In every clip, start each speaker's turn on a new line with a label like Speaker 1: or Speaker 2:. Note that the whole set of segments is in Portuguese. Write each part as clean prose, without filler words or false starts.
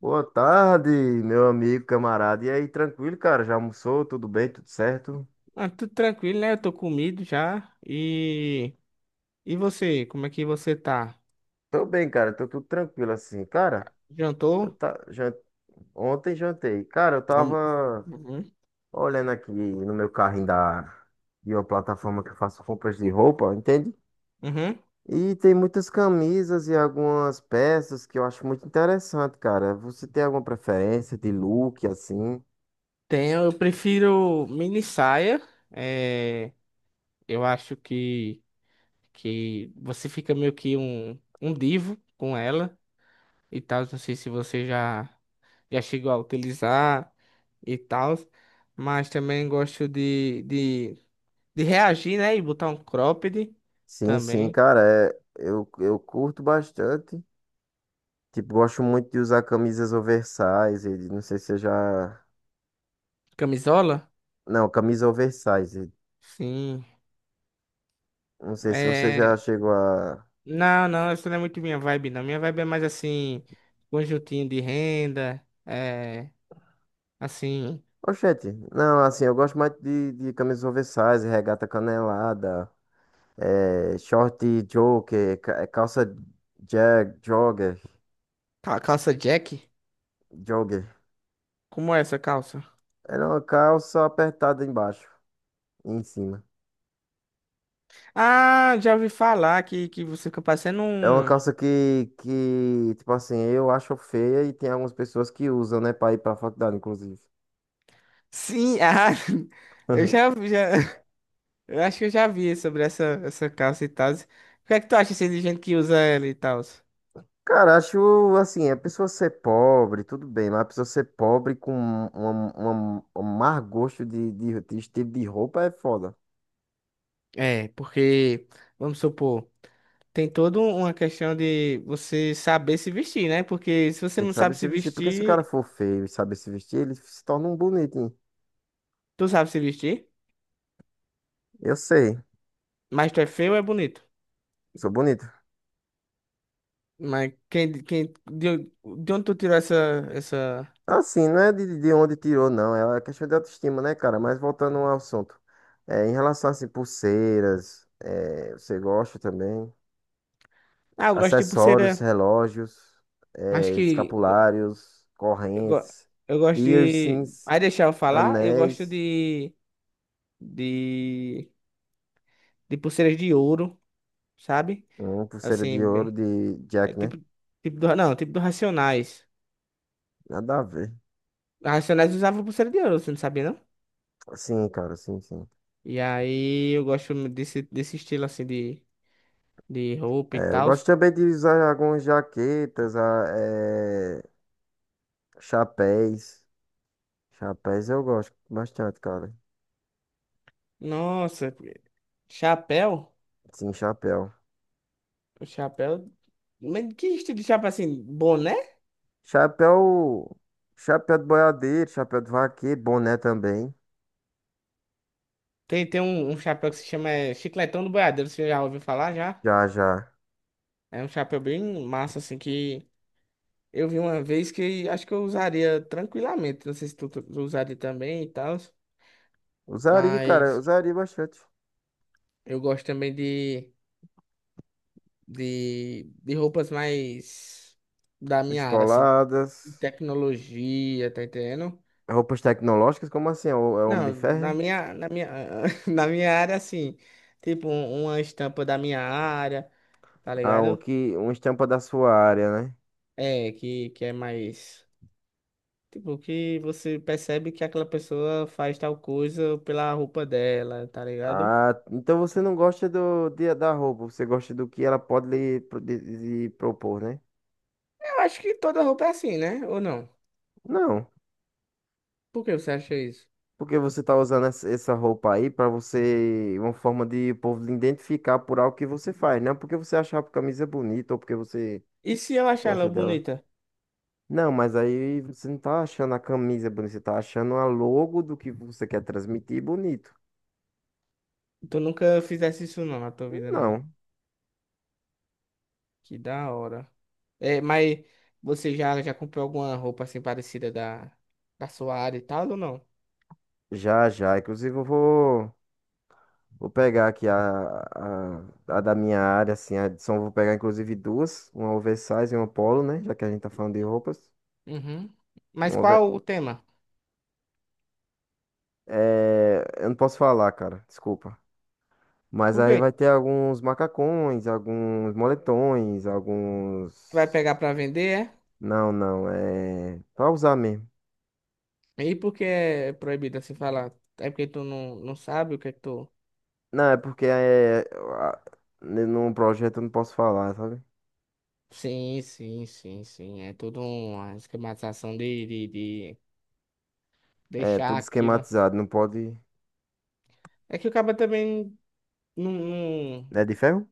Speaker 1: Boa tarde, meu amigo, camarada. E aí, tranquilo, cara? Já almoçou? Tudo bem? Tudo certo?
Speaker 2: Ah, tudo tranquilo, né? Eu tô comido já. E você, como é que você tá?
Speaker 1: Tô bem, cara. Tô tudo tranquilo assim. Cara, eu
Speaker 2: Jantou?
Speaker 1: tá... jan- ontem jantei. Cara, eu
Speaker 2: Am-
Speaker 1: tava
Speaker 2: Uhum.
Speaker 1: olhando aqui no meu carrinho da... de uma plataforma que eu faço compras de roupa, entende?
Speaker 2: Uhum.
Speaker 1: E tem muitas camisas e algumas peças que eu acho muito interessante, cara. Você tem alguma preferência de look assim?
Speaker 2: Tenho, eu prefiro mini saia. É, eu acho que você fica meio que um divo com ela e tal. Não sei se você já chegou a utilizar e tal, mas também gosto de reagir, né? E botar um cropped
Speaker 1: Sim,
Speaker 2: também.
Speaker 1: cara. Eu curto bastante. Tipo, gosto muito de usar camisas oversize. Não sei se você já.
Speaker 2: Camisola?
Speaker 1: Não, camisa oversize.
Speaker 2: Sim.
Speaker 1: Não sei se você já
Speaker 2: É...
Speaker 1: chegou a.
Speaker 2: Não, não, isso não é muito minha vibe, não. Minha vibe é mais assim, conjuntinho de renda, é... assim,
Speaker 1: Oxente, não, assim, eu gosto mais de camisas oversize, regata canelada, é, short joker, é, jogger,
Speaker 2: calça Jack.
Speaker 1: jogger.
Speaker 2: Como é essa calça?
Speaker 1: É uma calça apertada embaixo e em cima.
Speaker 2: Ah, já ouvi falar que você fica parecendo
Speaker 1: É uma
Speaker 2: um...
Speaker 1: calça que, tipo assim, eu acho feia e tem algumas pessoas que usam, né, pra ir pra faculdade, inclusive.
Speaker 2: Sim, ah, eu já, já... Eu acho que eu já vi sobre essa, essa calça e tal. O que é que tu acha assim, de gente que usa ela e tal?
Speaker 1: Cara, acho assim, a pessoa ser pobre, tudo bem, mas a pessoa ser pobre com um má gosto de estilo de roupa é foda.
Speaker 2: É, porque, vamos supor, tem toda uma questão de você saber se vestir, né? Porque se você
Speaker 1: Tem que
Speaker 2: não
Speaker 1: saber
Speaker 2: sabe se
Speaker 1: se vestir, porque se o cara
Speaker 2: vestir,
Speaker 1: for feio e saber se vestir, ele se torna um bonitinho.
Speaker 2: tu sabe se vestir,
Speaker 1: Eu sei,
Speaker 2: mas tu é feio ou é bonito?
Speaker 1: sou bonito.
Speaker 2: Mas quem, de onde tu tirou essa, essa...
Speaker 1: Assim, não é de onde tirou, não, é uma questão de autoestima, né, cara? Mas voltando ao assunto, é, em relação, assim, pulseiras, é, você gosta também?
Speaker 2: Ah, eu gosto de
Speaker 1: Acessórios,
Speaker 2: pulseira.
Speaker 1: relógios,
Speaker 2: Acho que... go-
Speaker 1: escapulários,
Speaker 2: Eu, go-
Speaker 1: correntes,
Speaker 2: eu gosto de...
Speaker 1: piercings,
Speaker 2: Aí deixar eu falar, eu gosto
Speaker 1: anéis,
Speaker 2: de... De pulseiras de ouro, sabe?
Speaker 1: pulseira de
Speaker 2: Assim,
Speaker 1: ouro
Speaker 2: bem...
Speaker 1: de
Speaker 2: É
Speaker 1: Jack, né?
Speaker 2: tipo... tipo do, não, tipo do Racionais.
Speaker 1: Nada a ver.
Speaker 2: Racionais usava pulseira de ouro, você não sabia, não?
Speaker 1: Sim, cara, sim.
Speaker 2: E aí eu gosto desse, desse estilo, assim, de roupa e
Speaker 1: É, eu
Speaker 2: tal.
Speaker 1: gosto também de usar algumas jaquetas, é, chapéus. Chapéus eu gosto bastante, cara.
Speaker 2: Nossa, chapéu...
Speaker 1: Sim, chapéu.
Speaker 2: O chapéu. Mas que estilo de chapéu assim? Boné?
Speaker 1: Chapéu, chapéu de boiadeiro, chapéu de vaqueiro, boné também.
Speaker 2: Tem, tem um, um chapéu que se chama é, Chicletão do Boiadeiro, você já ouviu falar já?
Speaker 1: Já, já.
Speaker 2: É um chapéu bem massa, assim, que eu vi uma vez que acho que eu usaria tranquilamente. Não sei se tu usaria também e tal.
Speaker 1: Usaria, cara,
Speaker 2: Mas
Speaker 1: usaria bastante.
Speaker 2: eu gosto também de roupas mais da minha área, assim, de
Speaker 1: Descoladas.
Speaker 2: tecnologia, tá entendendo?
Speaker 1: Roupas tecnológicas? Como assim? É o Homem de
Speaker 2: Não, na
Speaker 1: Ferro?
Speaker 2: minha, na minha, na minha área, assim, tipo, uma estampa da minha área. Tá
Speaker 1: Ah, o
Speaker 2: ligado?
Speaker 1: que, uma estampa da sua área, né?
Speaker 2: É, que é mais. Tipo, que você percebe que aquela pessoa faz tal coisa pela roupa dela, tá ligado?
Speaker 1: Ah, então você não gosta da roupa, você gosta do que ela pode lhe, lhe propor, né?
Speaker 2: Eu acho que toda roupa é assim, né? Ou não?
Speaker 1: Não.
Speaker 2: Por que você acha isso?
Speaker 1: Porque você tá usando essa roupa aí pra você, uma forma de o povo lhe identificar por algo que você faz, não porque você acha a camisa bonita ou porque você
Speaker 2: E se eu achar ela
Speaker 1: gosta dela.
Speaker 2: bonita?
Speaker 1: Não, mas aí você não tá achando a camisa bonita, você tá achando a logo do que você quer transmitir bonito.
Speaker 2: Tu nunca fizesse isso não na tua vida, não.
Speaker 1: Não.
Speaker 2: Que da hora. É, mas você já comprou alguma roupa assim parecida da, da sua área e tal, ou não?
Speaker 1: Já, já. Inclusive, vou pegar aqui a da minha área, assim, a de som. Vou pegar, inclusive, duas. Uma oversize e uma polo, né? Já que a gente tá falando de roupas.
Speaker 2: Uhum. Mas
Speaker 1: Uma over...
Speaker 2: qual o tema?
Speaker 1: é, eu não posso falar, cara. Desculpa. Mas
Speaker 2: Por
Speaker 1: aí vai
Speaker 2: quê?
Speaker 1: ter alguns macacões, alguns moletões,
Speaker 2: Vai
Speaker 1: alguns...
Speaker 2: pegar pra vender, é?
Speaker 1: Não. É... Pra usar mesmo.
Speaker 2: E por que é proibido assim falar? É porque tu não sabe o que é que tu.
Speaker 1: Não, é porque num projeto eu não posso falar, sabe?
Speaker 2: Sim. É tudo uma esquematização de
Speaker 1: É
Speaker 2: deixar
Speaker 1: tudo
Speaker 2: aquilo.
Speaker 1: esquematizado. Não pode...
Speaker 2: É que o cara também não.
Speaker 1: É de ferro?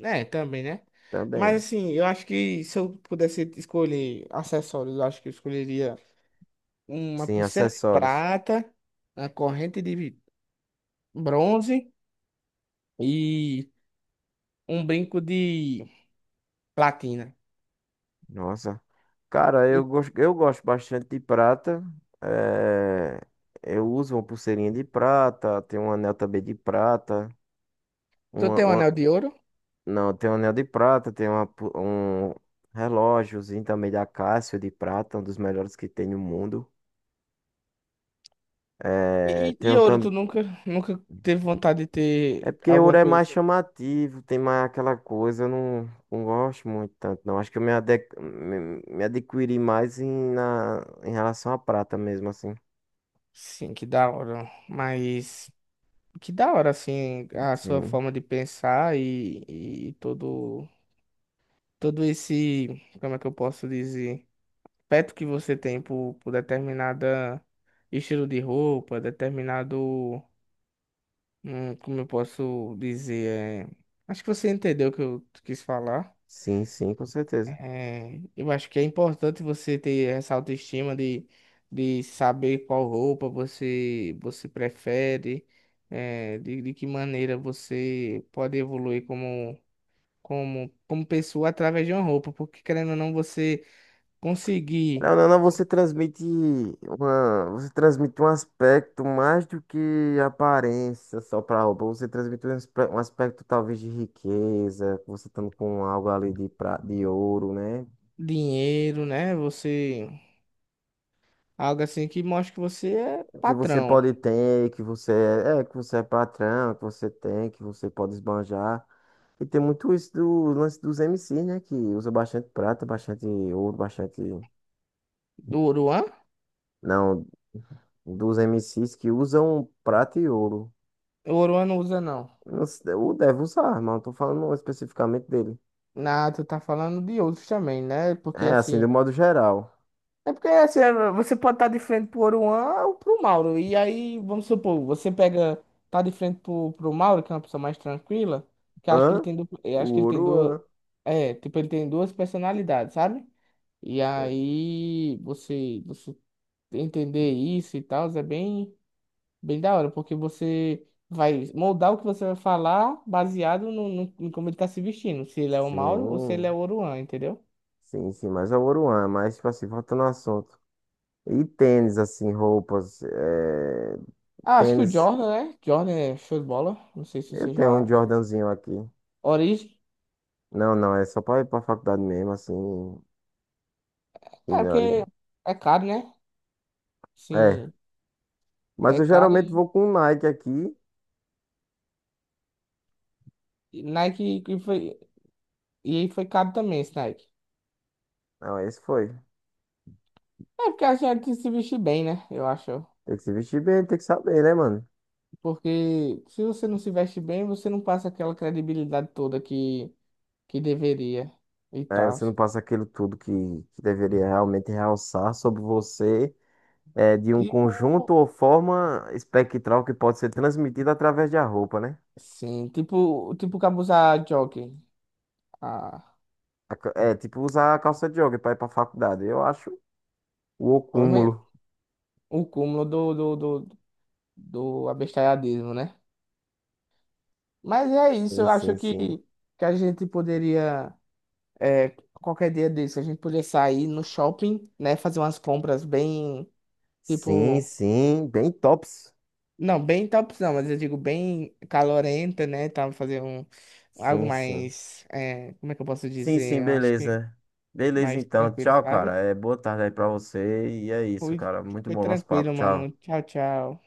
Speaker 2: É, também, né?
Speaker 1: Também.
Speaker 2: Mas assim, eu acho que se eu pudesse escolher acessórios, eu acho que eu escolheria uma
Speaker 1: Sim,
Speaker 2: pulseira de
Speaker 1: acessórios.
Speaker 2: prata, uma corrente de bronze e um brinco de platina.
Speaker 1: Nossa. Cara, eu
Speaker 2: E
Speaker 1: gosto, eu gosto bastante de prata. É, eu uso uma pulseirinha de prata, tem um anel também de prata.
Speaker 2: tu
Speaker 1: Uma,
Speaker 2: tem um
Speaker 1: uma-
Speaker 2: anel de ouro?
Speaker 1: não, tem um anel de prata, tem um relógiozinho também da Casio de prata, um dos melhores que tem no mundo.
Speaker 2: E,
Speaker 1: É,
Speaker 2: e e
Speaker 1: tenho.
Speaker 2: ouro, tu nunca, nunca teve vontade de
Speaker 1: É
Speaker 2: ter
Speaker 1: porque ouro
Speaker 2: alguma
Speaker 1: é
Speaker 2: coisa
Speaker 1: mais
Speaker 2: assim?
Speaker 1: chamativo, tem mais aquela coisa, eu não gosto muito tanto, não. Acho que eu me, ade me, me adquiri mais em relação à prata mesmo, assim.
Speaker 2: Sim, que da hora. Mas que da hora, assim, a sua
Speaker 1: Sim,
Speaker 2: forma de pensar e todo esse, como é que eu posso dizer, peto que você tem por determinada estilo de roupa, determinado, como eu posso dizer, é... acho que você entendeu o que eu quis falar.
Speaker 1: sim, com certeza.
Speaker 2: É, eu acho que é importante você ter essa autoestima de saber qual roupa você prefere, é, de que maneira você pode evoluir como, como, como pessoa através de uma roupa, porque querendo ou não, você conseguir
Speaker 1: Não, você transmite você transmite um aspecto mais do que aparência só pra roupa. Você transmite um, um aspecto talvez de riqueza, você estando com algo ali de ouro, né?
Speaker 2: dinheiro, né? Você, algo assim que mostra que você é
Speaker 1: Que você
Speaker 2: patrão.
Speaker 1: pode ter, que você é patrão, que você tem, que você pode esbanjar. E tem muito isso do lance dos MCs, né? Que usa bastante prata, bastante ouro, bastante.
Speaker 2: Do Oruan?
Speaker 1: Não, dos MCs que usam prata e ouro.
Speaker 2: O Oruan não usa, não.
Speaker 1: Não se- O deve usar, mas não tô falando especificamente dele.
Speaker 2: Na, tu tá falando de outros também, né? Porque
Speaker 1: É, assim, do
Speaker 2: assim.
Speaker 1: modo geral.
Speaker 2: É porque assim, é, você pode estar de frente pro Oruan ou pro Mauro. E aí, vamos supor, tá de frente pro, pro Mauro, que é uma pessoa mais tranquila, que acho que ele
Speaker 1: Hã?
Speaker 2: tem, duplo- eu
Speaker 1: O
Speaker 2: acho que ele tem
Speaker 1: ouro,
Speaker 2: duas,
Speaker 1: hã?
Speaker 2: é, tipo, ele tem duas personalidades, sabe? E
Speaker 1: Sim,
Speaker 2: aí, você entender isso e tal, é bem, bem da hora, porque você vai moldar o que você vai falar baseado no, em como ele tá se vestindo, se ele é o Mauro ou se ele é
Speaker 1: sim,
Speaker 2: o Oruan, entendeu?
Speaker 1: sim, mas é o ouro, hã? Mas, tipo assim, voltando ao assunto. E tênis, assim, roupas.
Speaker 2: Ah, acho que o
Speaker 1: Tênis.
Speaker 2: Jordan, né? Jordan é show de bola. Não sei se
Speaker 1: Eu
Speaker 2: você
Speaker 1: tenho um
Speaker 2: já.
Speaker 1: Jordanzinho aqui.
Speaker 2: Origem.
Speaker 1: Não, é só pra ir pra faculdade mesmo, assim, e
Speaker 2: É
Speaker 1: na
Speaker 2: porque
Speaker 1: origem.
Speaker 2: é caro, né?
Speaker 1: É.
Speaker 2: Sim,
Speaker 1: Mas
Speaker 2: é
Speaker 1: eu
Speaker 2: caro
Speaker 1: geralmente
Speaker 2: e
Speaker 1: vou com um Nike aqui.
Speaker 2: Nike que foi. E aí foi caro também esse Nike.
Speaker 1: Não, esse foi.
Speaker 2: É porque a gente tem que se vestir bem, né? Eu acho.
Speaker 1: Tem que se vestir bem, tem que saber, né, mano?
Speaker 2: Porque se você não se veste bem, você não passa aquela credibilidade toda que deveria e
Speaker 1: É,
Speaker 2: tal.
Speaker 1: você não passa aquilo tudo que deveria realmente realçar sobre você, é, de um
Speaker 2: Tipo.
Speaker 1: conjunto ou forma espectral que pode ser transmitida através da roupa, né?
Speaker 2: Sim, tipo, tipo cabuzar jockey. Ah,
Speaker 1: É, tipo usar a calça de jogo pra ir pra faculdade. Eu acho o cúmulo.
Speaker 2: o cúmulo do, do, do, do abestalhadismo, né? Mas é isso,
Speaker 1: Sim,
Speaker 2: eu acho
Speaker 1: sim, sim.
Speaker 2: que a gente poderia, é, qualquer dia desse, a gente poderia sair no shopping, né? Fazer umas compras bem,
Speaker 1: Sim,
Speaker 2: tipo,
Speaker 1: sim, bem tops.
Speaker 2: não, bem top, não, mas eu digo bem calorenta, né? Tá, fazer um, algo
Speaker 1: Sim, sim.
Speaker 2: mais, é, como é que eu posso
Speaker 1: Sim,
Speaker 2: dizer? Eu acho que
Speaker 1: beleza. Beleza,
Speaker 2: mais
Speaker 1: então.
Speaker 2: tranquilo,
Speaker 1: Tchau, cara.
Speaker 2: sabe?
Speaker 1: É boa tarde aí pra você. E é isso,
Speaker 2: Foi,
Speaker 1: cara. Muito
Speaker 2: foi
Speaker 1: bom nosso papo.
Speaker 2: tranquilo, mano.
Speaker 1: Tchau.
Speaker 2: Tchau, tchau.